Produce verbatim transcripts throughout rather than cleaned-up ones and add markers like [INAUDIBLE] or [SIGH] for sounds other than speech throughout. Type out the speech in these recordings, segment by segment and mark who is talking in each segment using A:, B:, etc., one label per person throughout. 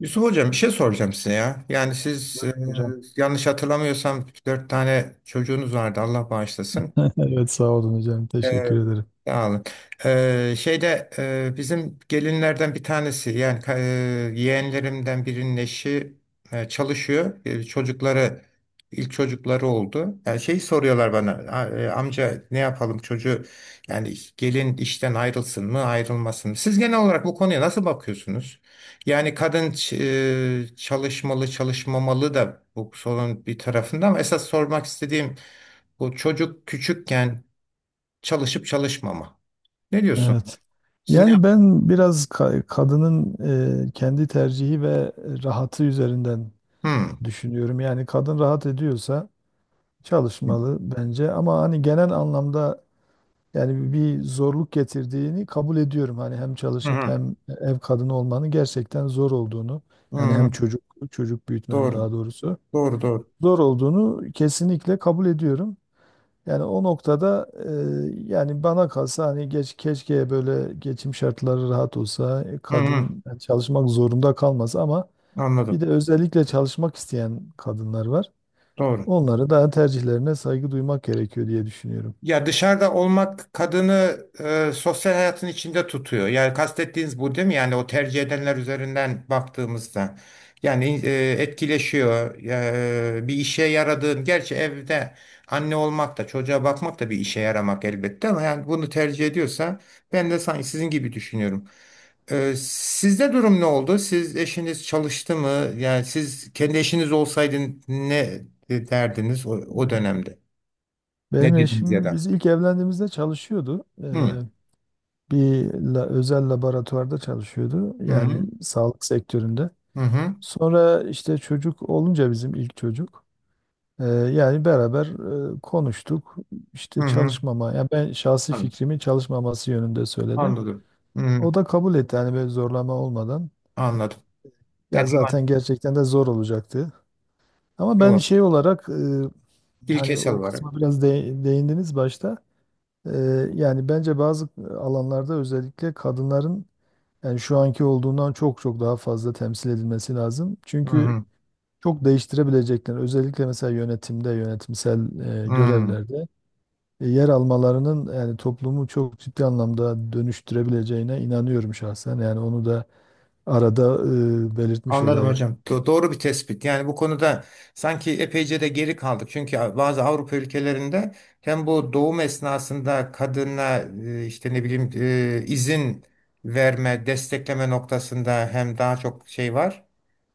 A: Yusuf Hocam bir şey soracağım size ya. Yani siz e,
B: Hocam.
A: yanlış hatırlamıyorsam dört tane çocuğunuz vardı, Allah bağışlasın.
B: [LAUGHS] Evet, sağ olun hocam,
A: Ee,
B: teşekkür ederim.
A: sağ olun. Ee, şeyde e, bizim gelinlerden bir tanesi, yani ka- e, yeğenlerimden birinin eşi e, çalışıyor. E, çocukları ilk çocukları oldu. Yani şey soruyorlar bana, "A- e, amca ne yapalım çocuğu, yani gelin işten ayrılsın mı ayrılmasın mı? Siz genel olarak bu konuya nasıl bakıyorsunuz? Yani kadın ç- e, çalışmalı çalışmamalı da, bu sorun bir tarafında ama esas sormak istediğim bu çocuk küçükken çalışıp çalışmama. Ne diyorsun?
B: Evet.
A: Siz ne
B: Yani
A: yaptınız?
B: ben biraz ka- kadının e, kendi tercihi ve rahatı üzerinden
A: Hmm.
B: düşünüyorum. Yani kadın rahat ediyorsa çalışmalı bence ama hani genel anlamda yani bir zorluk getirdiğini kabul ediyorum. Hani hem
A: Hı
B: çalışıp
A: hı.
B: hem ev kadını olmanın gerçekten zor olduğunu,
A: Hı
B: yani hem
A: hı.
B: çocuk çocuk büyütmenin
A: Doğru.
B: daha doğrusu
A: Doğru, doğru.
B: zor olduğunu kesinlikle kabul ediyorum. Yani o noktada e, yani bana kalsa hani geç keşke böyle geçim şartları rahat olsa e,
A: Hı hı.
B: kadın çalışmak zorunda kalmaz ama bir
A: Anladım.
B: de özellikle çalışmak isteyen kadınlar var.
A: Doğru.
B: Onlara da tercihlerine saygı duymak gerekiyor diye düşünüyorum.
A: Ya dışarıda olmak kadını e, sosyal hayatın içinde tutuyor. Yani kastettiğiniz bu değil mi? Yani o tercih edenler üzerinden baktığımızda. Yani e, etkileşiyor. E, bir işe yaradığın, gerçi evde anne olmak da çocuğa bakmak da bir işe yaramak elbette, ama yani bunu tercih ediyorsa ben de sanki sizin gibi düşünüyorum. E, sizde durum ne oldu? Siz, eşiniz çalıştı mı? Yani siz kendi eşiniz olsaydın ne derdiniz o, o dönemde?
B: Benim
A: Ne dediniz ya
B: eşim
A: da?
B: biz ilk evlendiğimizde çalışıyordu.
A: Hı.
B: Eee, bir la- özel laboratuvarda çalışıyordu.
A: Hı
B: Yani
A: hı
B: sağlık sektöründe.
A: hı hı.
B: Sonra işte çocuk olunca bizim ilk çocuk. Ee, yani beraber e, konuştuk. İşte
A: Hı. Hı.
B: çalışmama, yani ben şahsi
A: Anladım.
B: fikrimi çalışmaması yönünde söyledim.
A: Anladım. Hı hı,
B: O da kabul etti, yani böyle zorlama olmadan.
A: anladım. Yani
B: Ya
A: tamam.
B: zaten gerçekten de zor olacaktı. Ama ben
A: Doğru.
B: şey olarak e, hani
A: İlkesel
B: o
A: olarak.
B: kısma biraz de- değindiniz başta. E, yani bence bazı alanlarda özellikle kadınların yani şu anki olduğundan çok çok daha fazla temsil edilmesi lazım.
A: Hı
B: Çünkü
A: hı.
B: çok değiştirebilecekler. Özellikle mesela yönetimde, yönetimsel e,
A: Hı.
B: görevlerde. E, yer almalarının yani toplumu çok ciddi anlamda dönüştürebileceğine inanıyorum şahsen. Yani onu da arada e, belirtmiş
A: Anladım
B: olayım.
A: hocam. Do- doğru bir tespit. Yani bu konuda sanki epeyce de geri kaldık. Çünkü bazı Avrupa ülkelerinde hem bu doğum esnasında kadına e, işte ne bileyim e, izin verme, destekleme noktasında hem daha çok şey var.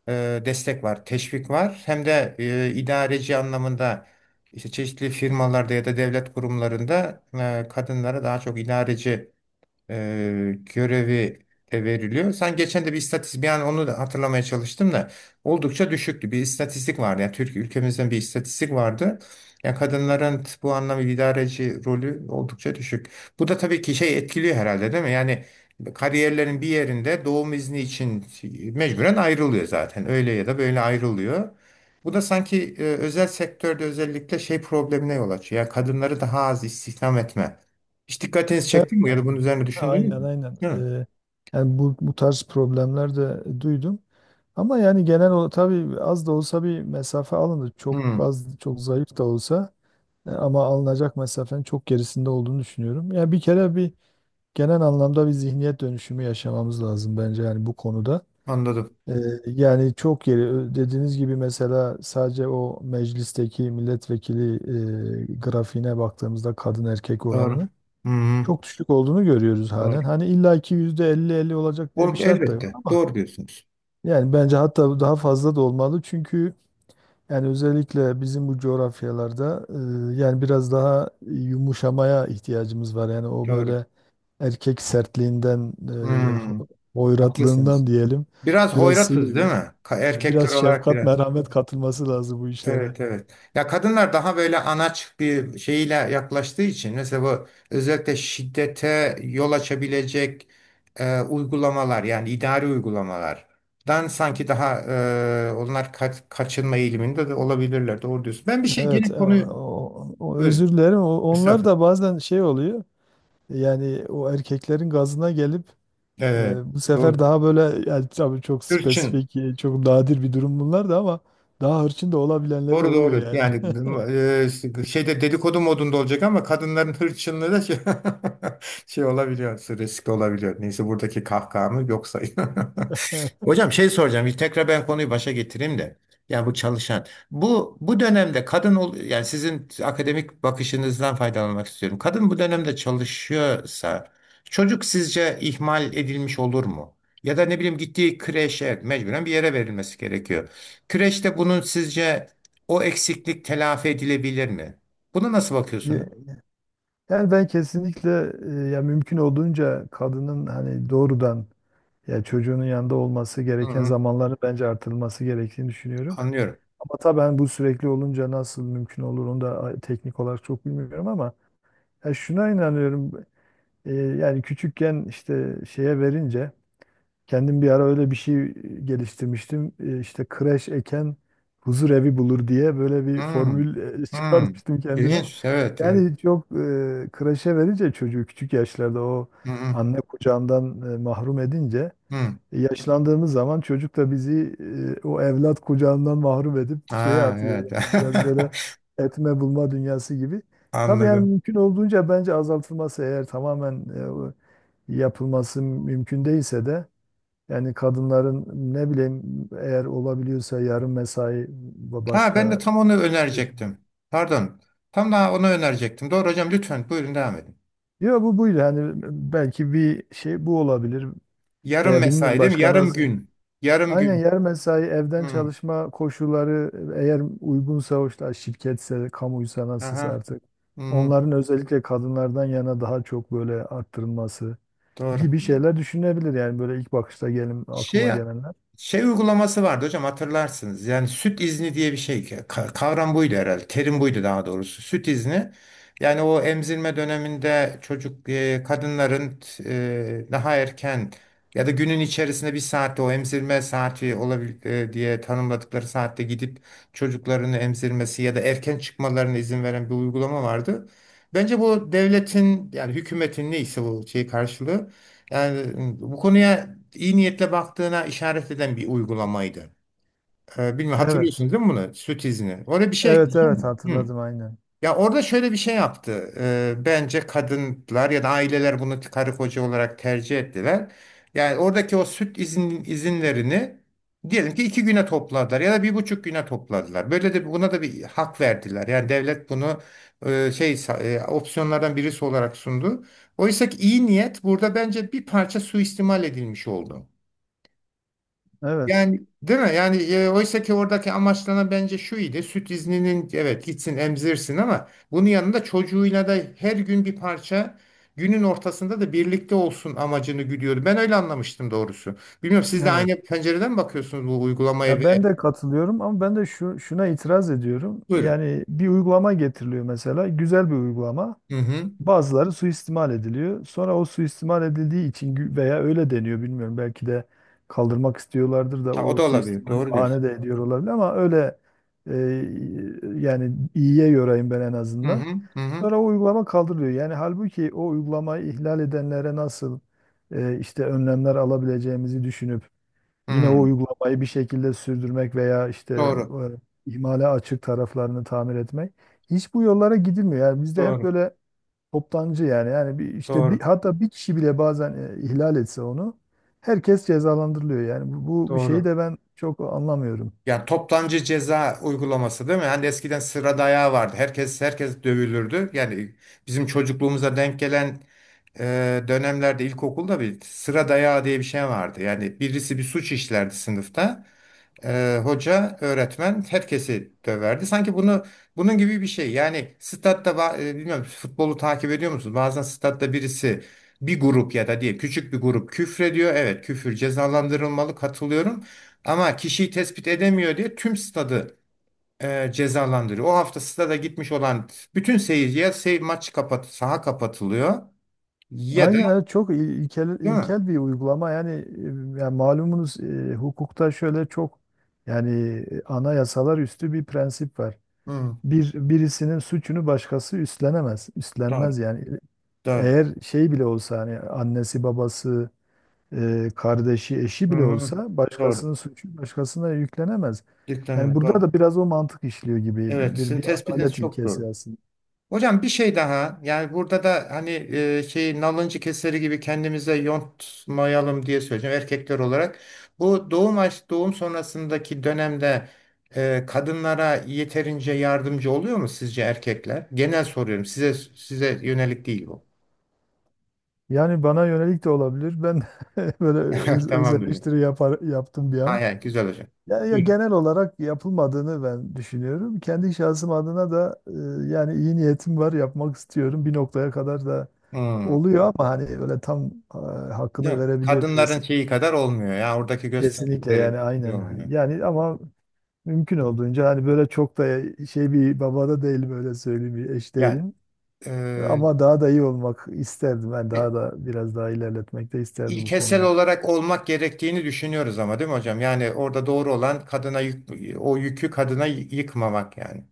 A: e, destek var, teşvik var. Hem de e, idareci anlamında, işte çeşitli firmalarda ya da devlet kurumlarında e, kadınlara daha çok idareci e, görevi de veriliyor. Sen geçen de bir istatistik, yani onu da hatırlamaya çalıştım da, oldukça düşüktü. Bir istatistik vardı. Yani Türkiye, ülkemizden bir istatistik vardı. Yani kadınların bu anlamda idareci rolü oldukça düşük. Bu da tabii ki şey etkiliyor herhalde, değil mi? Yani kariyerlerin bir yerinde doğum izni için mecburen ayrılıyor zaten. Öyle ya da böyle ayrılıyor. Bu da sanki e, özel sektörde özellikle şey problemine yol açıyor. Yani kadınları daha az istihdam etme. Hiç dikkatinizi
B: Evet,
A: çekti mi ya da bunun
B: aynen
A: üzerine düşündünüz
B: aynen.
A: mü?
B: aynen.
A: Değil mi?
B: E, Yani bu, bu tarz problemler de duydum. Ama yani genel olarak tabii az da olsa bir mesafe alındı. Çok
A: Hmm,
B: az, çok zayıf da olsa e, ama alınacak mesafenin çok gerisinde olduğunu düşünüyorum. Yani bir kere bir genel anlamda bir zihniyet dönüşümü yaşamamız lazım bence yani bu konuda.
A: anladım.
B: Ee, Yani çok yeri ö- dediğiniz gibi mesela sadece o meclisteki milletvekili e, grafiğine baktığımızda kadın erkek
A: Doğru.
B: oranını
A: Hmm,
B: çok düşük olduğunu görüyoruz
A: doğru.
B: halen. Hani illaki yüzde elli elli olacak diye
A: Oğlum,
B: bir şart da yok
A: elbette.
B: ama
A: Doğru diyorsunuz.
B: yani bence hatta daha fazla da olmalı çünkü yani özellikle bizim bu coğrafyalarda e, yani biraz daha yumuşamaya ihtiyacımız var. Yani o
A: Doğru.
B: böyle erkek sertliğinden,
A: Hmm,
B: e,
A: haklısınız.
B: hoyratlığından diyelim,
A: Biraz
B: biraz
A: hoyratız değil
B: sıyrılıp
A: mi? Ka- Erkekler
B: biraz
A: olarak
B: şefkat,
A: biraz.
B: merhamet katılması lazım bu işlere.
A: Evet, evet. Ya, kadınlar daha böyle anaç bir şeyle yaklaştığı için mesela, bu özellikle şiddete yol açabilecek e, uygulamalar, yani idari uygulamalardan sanki daha e, onlar kaç- kaçınma eğiliminde de olabilirler. Doğru diyorsun. Ben bir şey
B: Evet,
A: yine
B: e,
A: konuyu
B: o, o özür
A: buyurun.
B: dilerim. O- Onlar
A: Estağfurullah.
B: da bazen şey oluyor. Yani o erkeklerin gazına gelip
A: Evet.
B: e, bu sefer
A: Doğru.
B: daha böyle, yani tabii çok
A: Hırçın.
B: spesifik, e, çok nadir bir durum bunlar da ama daha hırçın da olabilenleri
A: Doğru,
B: oluyor
A: doğru.
B: yani.
A: Yani e, şeyde dedikodu modunda olacak ama, kadınların hırçınlığı da şey, [LAUGHS] şey olabiliyor, riskli olabiliyor. Neyse, buradaki kahkahamı yok sayın. [LAUGHS]
B: [LAUGHS]
A: Hocam, şey soracağım. Bir tekrar ben konuyu başa getireyim de. Yani bu çalışan. Bu bu dönemde kadın ol, yani sizin akademik bakışınızdan faydalanmak istiyorum. Kadın bu dönemde çalışıyorsa çocuk sizce ihmal edilmiş olur mu? Ya da ne bileyim, gittiği kreşe, mecburen bir yere verilmesi gerekiyor. Kreşte bunun sizce o eksiklik telafi edilebilir mi? Buna nasıl bakıyorsunuz?
B: Ye- Yani ben kesinlikle e, ya mümkün olduğunca kadının hani doğrudan ya çocuğunun yanında olması
A: Hı
B: gereken
A: hı,
B: zamanları bence artırılması gerektiğini düşünüyorum.
A: anlıyorum.
B: Ama tabii hani bu sürekli olunca nasıl mümkün olur onu da teknik olarak çok bilmiyorum ama ya şuna inanıyorum. E, yani küçükken işte şeye verince kendim bir ara öyle bir şey geliştirmiştim. E, işte kreş eken huzur evi bulur diye böyle
A: Hı
B: bir formül e, [LAUGHS]
A: hı.
B: çıkarmıştım kendime.
A: İlginç, evet. Evet.
B: Yani çok e, kreşe verince çocuğu küçük yaşlarda o
A: Hı hı,
B: anne kucağından e, mahrum edince,
A: hı.
B: yaşlandığımız zaman çocuk da bizi e, o evlat kucağından mahrum edip şeye
A: Ha,
B: atıyor.
A: evet.
B: Yani biraz böyle
A: [LAUGHS]
B: etme bulma dünyası gibi. Tabii yani
A: Anladım.
B: mümkün olduğunca bence azaltılması, eğer tamamen e, o yapılması mümkün değilse de yani kadınların ne bileyim eğer olabiliyorsa yarım mesai ve
A: Ha, ben de
B: başka
A: tam onu
B: seçenek.
A: önerecektim. Pardon. Tam daha onu önerecektim. Doğru hocam, lütfen buyurun devam edin.
B: Yok, bu buydu. Yani belki bir şey bu olabilir
A: Yarım
B: veya bilmiyorum
A: mesai değil mi?
B: başka
A: Yarım
B: nasıl.
A: gün. Yarım
B: Aynen,
A: gün.
B: yer mesai, evden
A: Hı.
B: çalışma koşulları eğer uygunsa, o işte şirketse kamuysa nasılsa
A: Aha.
B: artık,
A: Hı.
B: onların özellikle kadınlardan yana daha çok böyle arttırılması
A: Doğru.
B: gibi şeyler düşünebilir, yani böyle ilk bakışta gelin
A: Şey
B: aklıma gelenler.
A: şey uygulaması vardı hocam, hatırlarsınız. Yani süt izni diye bir şey. Ka- Kavram buydu herhalde. Terim buydu daha doğrusu. Süt izni. Yani o emzirme döneminde çocuk, e, kadınların e, daha erken ya da günün içerisinde bir saatte, o emzirme saati olabilir diye tanımladıkları saatte gidip çocuklarını emzirmesi ya da erken çıkmalarına izin veren bir uygulama vardı. Bence bu devletin, yani hükümetin neyse, bu şey karşılığı, yani bu konuya iyi niyetle baktığına işaret eden bir uygulamaydı. Ee, bilmiyorum
B: Evet.
A: hatırlıyorsunuz değil mi bunu? Süt izni. Oraya bir şey
B: Evet, evet,
A: ekleyeceğim mi?
B: hatırladım aynen.
A: Ya orada şöyle bir şey yaptı. Ee, bence kadınlar ya da aileler bunu karı koca olarak tercih ettiler. Yani oradaki o süt izin, izinlerini diyelim ki iki güne topladılar ya da bir buçuk güne topladılar. Böyle de buna da bir hak verdiler. Yani devlet bunu e, şey, e, opsiyonlardan birisi olarak sundu. Oysa ki iyi niyet burada bence bir parça suistimal edilmiş oldu.
B: Evet.
A: Yani, değil mi? Yani e, oysa ki oradaki amaçlanan bence şu idi. Süt izninin, evet, gitsin emzirsin ama bunun yanında çocuğuyla da her gün bir parça günün ortasında da birlikte olsun amacını güdüyordu. Ben öyle anlamıştım doğrusu. Bilmiyorum siz de
B: Evet.
A: aynı pencereden mi bakıyorsunuz bu uygulamaya,
B: Ya ben
A: ve
B: de katılıyorum ama ben de şu şuna itiraz ediyorum.
A: buyurun.
B: Yani bir uygulama getiriliyor mesela, güzel bir uygulama.
A: Hı hı.
B: Bazıları suistimal ediliyor. Sonra o suistimal edildiği için gü- veya öyle deniyor bilmiyorum. Belki de kaldırmak istiyorlardır da
A: Ha, o
B: o
A: da olabilir.
B: suistimali
A: Doğru
B: bahane
A: diyorsun.
B: de ediyor olabilir ama öyle e, yani iyiye yorayım ben en
A: Hı
B: azından.
A: hı. Hı hı.
B: Sonra o uygulama kaldırılıyor. Yani halbuki o uygulamayı ihlal edenlere nasıl e, işte önlemler alabileceğimizi düşünüp yine o
A: Hı.
B: uygulamayı bir şekilde sürdürmek veya işte
A: Doğru.
B: e, ihmale açık taraflarını tamir etmek, hiç bu yollara gidilmiyor. Yani bizde hep
A: Doğru.
B: böyle toptancı, yani yani bir işte bir
A: Doğru.
B: hatta bir kişi bile bazen e, ihlal etse onu herkes cezalandırılıyor. Yani bu, bu bu şeyi
A: Doğru.
B: de ben çok anlamıyorum.
A: Yani toptancı ceza uygulaması değil mi? Hani eskiden sıra dayağı vardı. Herkes, herkes dövülürdü. Yani bizim çocukluğumuza denk gelen e, dönemlerde ilkokulda bir sıra dayağı diye bir şey vardı. Yani birisi bir suç işlerdi sınıfta. Ee, hoca, öğretmen herkesi döverdi. Sanki bunu bunun gibi bir şey. Yani statta ba- e, bilmiyorum, futbolu takip ediyor musunuz? Bazen statta birisi, bir grup ya da, diye küçük bir grup küfrediyor. Evet, küfür cezalandırılmalı, katılıyorum. Ama kişiyi tespit edemiyor diye tüm stadı e, cezalandırıyor. O hafta stada gitmiş olan bütün seyirci, ya sey maç kapat saha kapatılıyor, ya da
B: Aynen evet, çok il- ilkel
A: değil mi?
B: ilkel bir uygulama yani, e, yani malumunuz, e, hukukta şöyle çok yani e, anayasalar üstü bir prensip var.
A: Hı,
B: Bir birisinin suçunu başkası üstlenemez.
A: doğru.
B: Üstlenmez yani.
A: Doğru.
B: Eğer şey bile olsa hani annesi babası e, kardeşi, eşi
A: Hı,
B: bile
A: hı,
B: olsa,
A: doğru.
B: başkasının suçu başkasına yüklenemez.
A: Dikkat
B: Yani
A: edin,
B: burada
A: doğru.
B: da biraz o mantık işliyor gibi,
A: Evet,
B: bir
A: sizin
B: bir
A: tespitiniz
B: adalet
A: çok
B: ilkesi
A: doğru.
B: aslında.
A: Hocam bir şey daha, yani burada da hani e, şey, nalıncı keseri gibi kendimize yontmayalım diye söyleyeceğim, erkekler olarak. Bu doğum aş- doğum sonrasındaki dönemde e, kadınlara yeterince yardımcı oluyor mu sizce erkekler? Genel soruyorum size, size yönelik değil bu.
B: Yani bana yönelik de olabilir. Ben [LAUGHS] böyle
A: [LAUGHS]
B: öz, öz
A: Tamamdır.
B: eleştiri yapar, yaptım bir an.
A: Hayır, hayır, güzel hocam.
B: Ya, ya
A: Buyurun.
B: genel olarak yapılmadığını ben düşünüyorum. Kendi şahsım adına da e, yani iyi niyetim var, yapmak istiyorum. Bir noktaya kadar da
A: Hmm.
B: oluyor ama hani öyle tam e, hakkını
A: Yok,
B: verebiliyorum
A: kadınların
B: desem.
A: şeyi kadar olmuyor ya, oradaki
B: Kesinlikle yani
A: gösterdikleri şey
B: aynen.
A: olmuyor.
B: Yani ama mümkün olduğunca hani böyle çok da şey bir babada değilim öyle söyleyeyim, bir eş
A: Yani
B: değilim. Ama daha da iyi olmak isterdim. Ben
A: e,
B: daha da biraz daha ilerletmek de isterdim bu
A: ilkesel
B: konuyu.
A: olarak olmak gerektiğini düşünüyoruz ama, değil mi hocam? Yani orada doğru olan, kadına yük, o yükü kadına y- yıkmamak yani.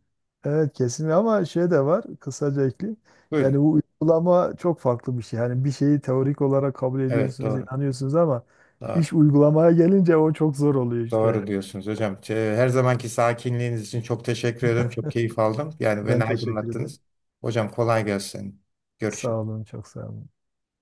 B: Evet, kesinlikle ama şey de var, kısaca ekleyeyim.
A: Buyurun.
B: Yani bu uygulama çok farklı bir şey. Hani bir şeyi teorik olarak kabul
A: Evet,
B: ediyorsunuz,
A: doğru.
B: inanıyorsunuz ama
A: Doğru.
B: iş uygulamaya gelince o çok zor oluyor işte.
A: Doğru diyorsunuz hocam. Te- Her zamanki sakinliğiniz için çok teşekkür ederim. Çok keyif aldım. Yani beni
B: Ben teşekkür ederim.
A: aydınlattınız. Hocam, kolay gelsin.
B: Sağ
A: Görüşürüz.
B: olun, çok sağ olun.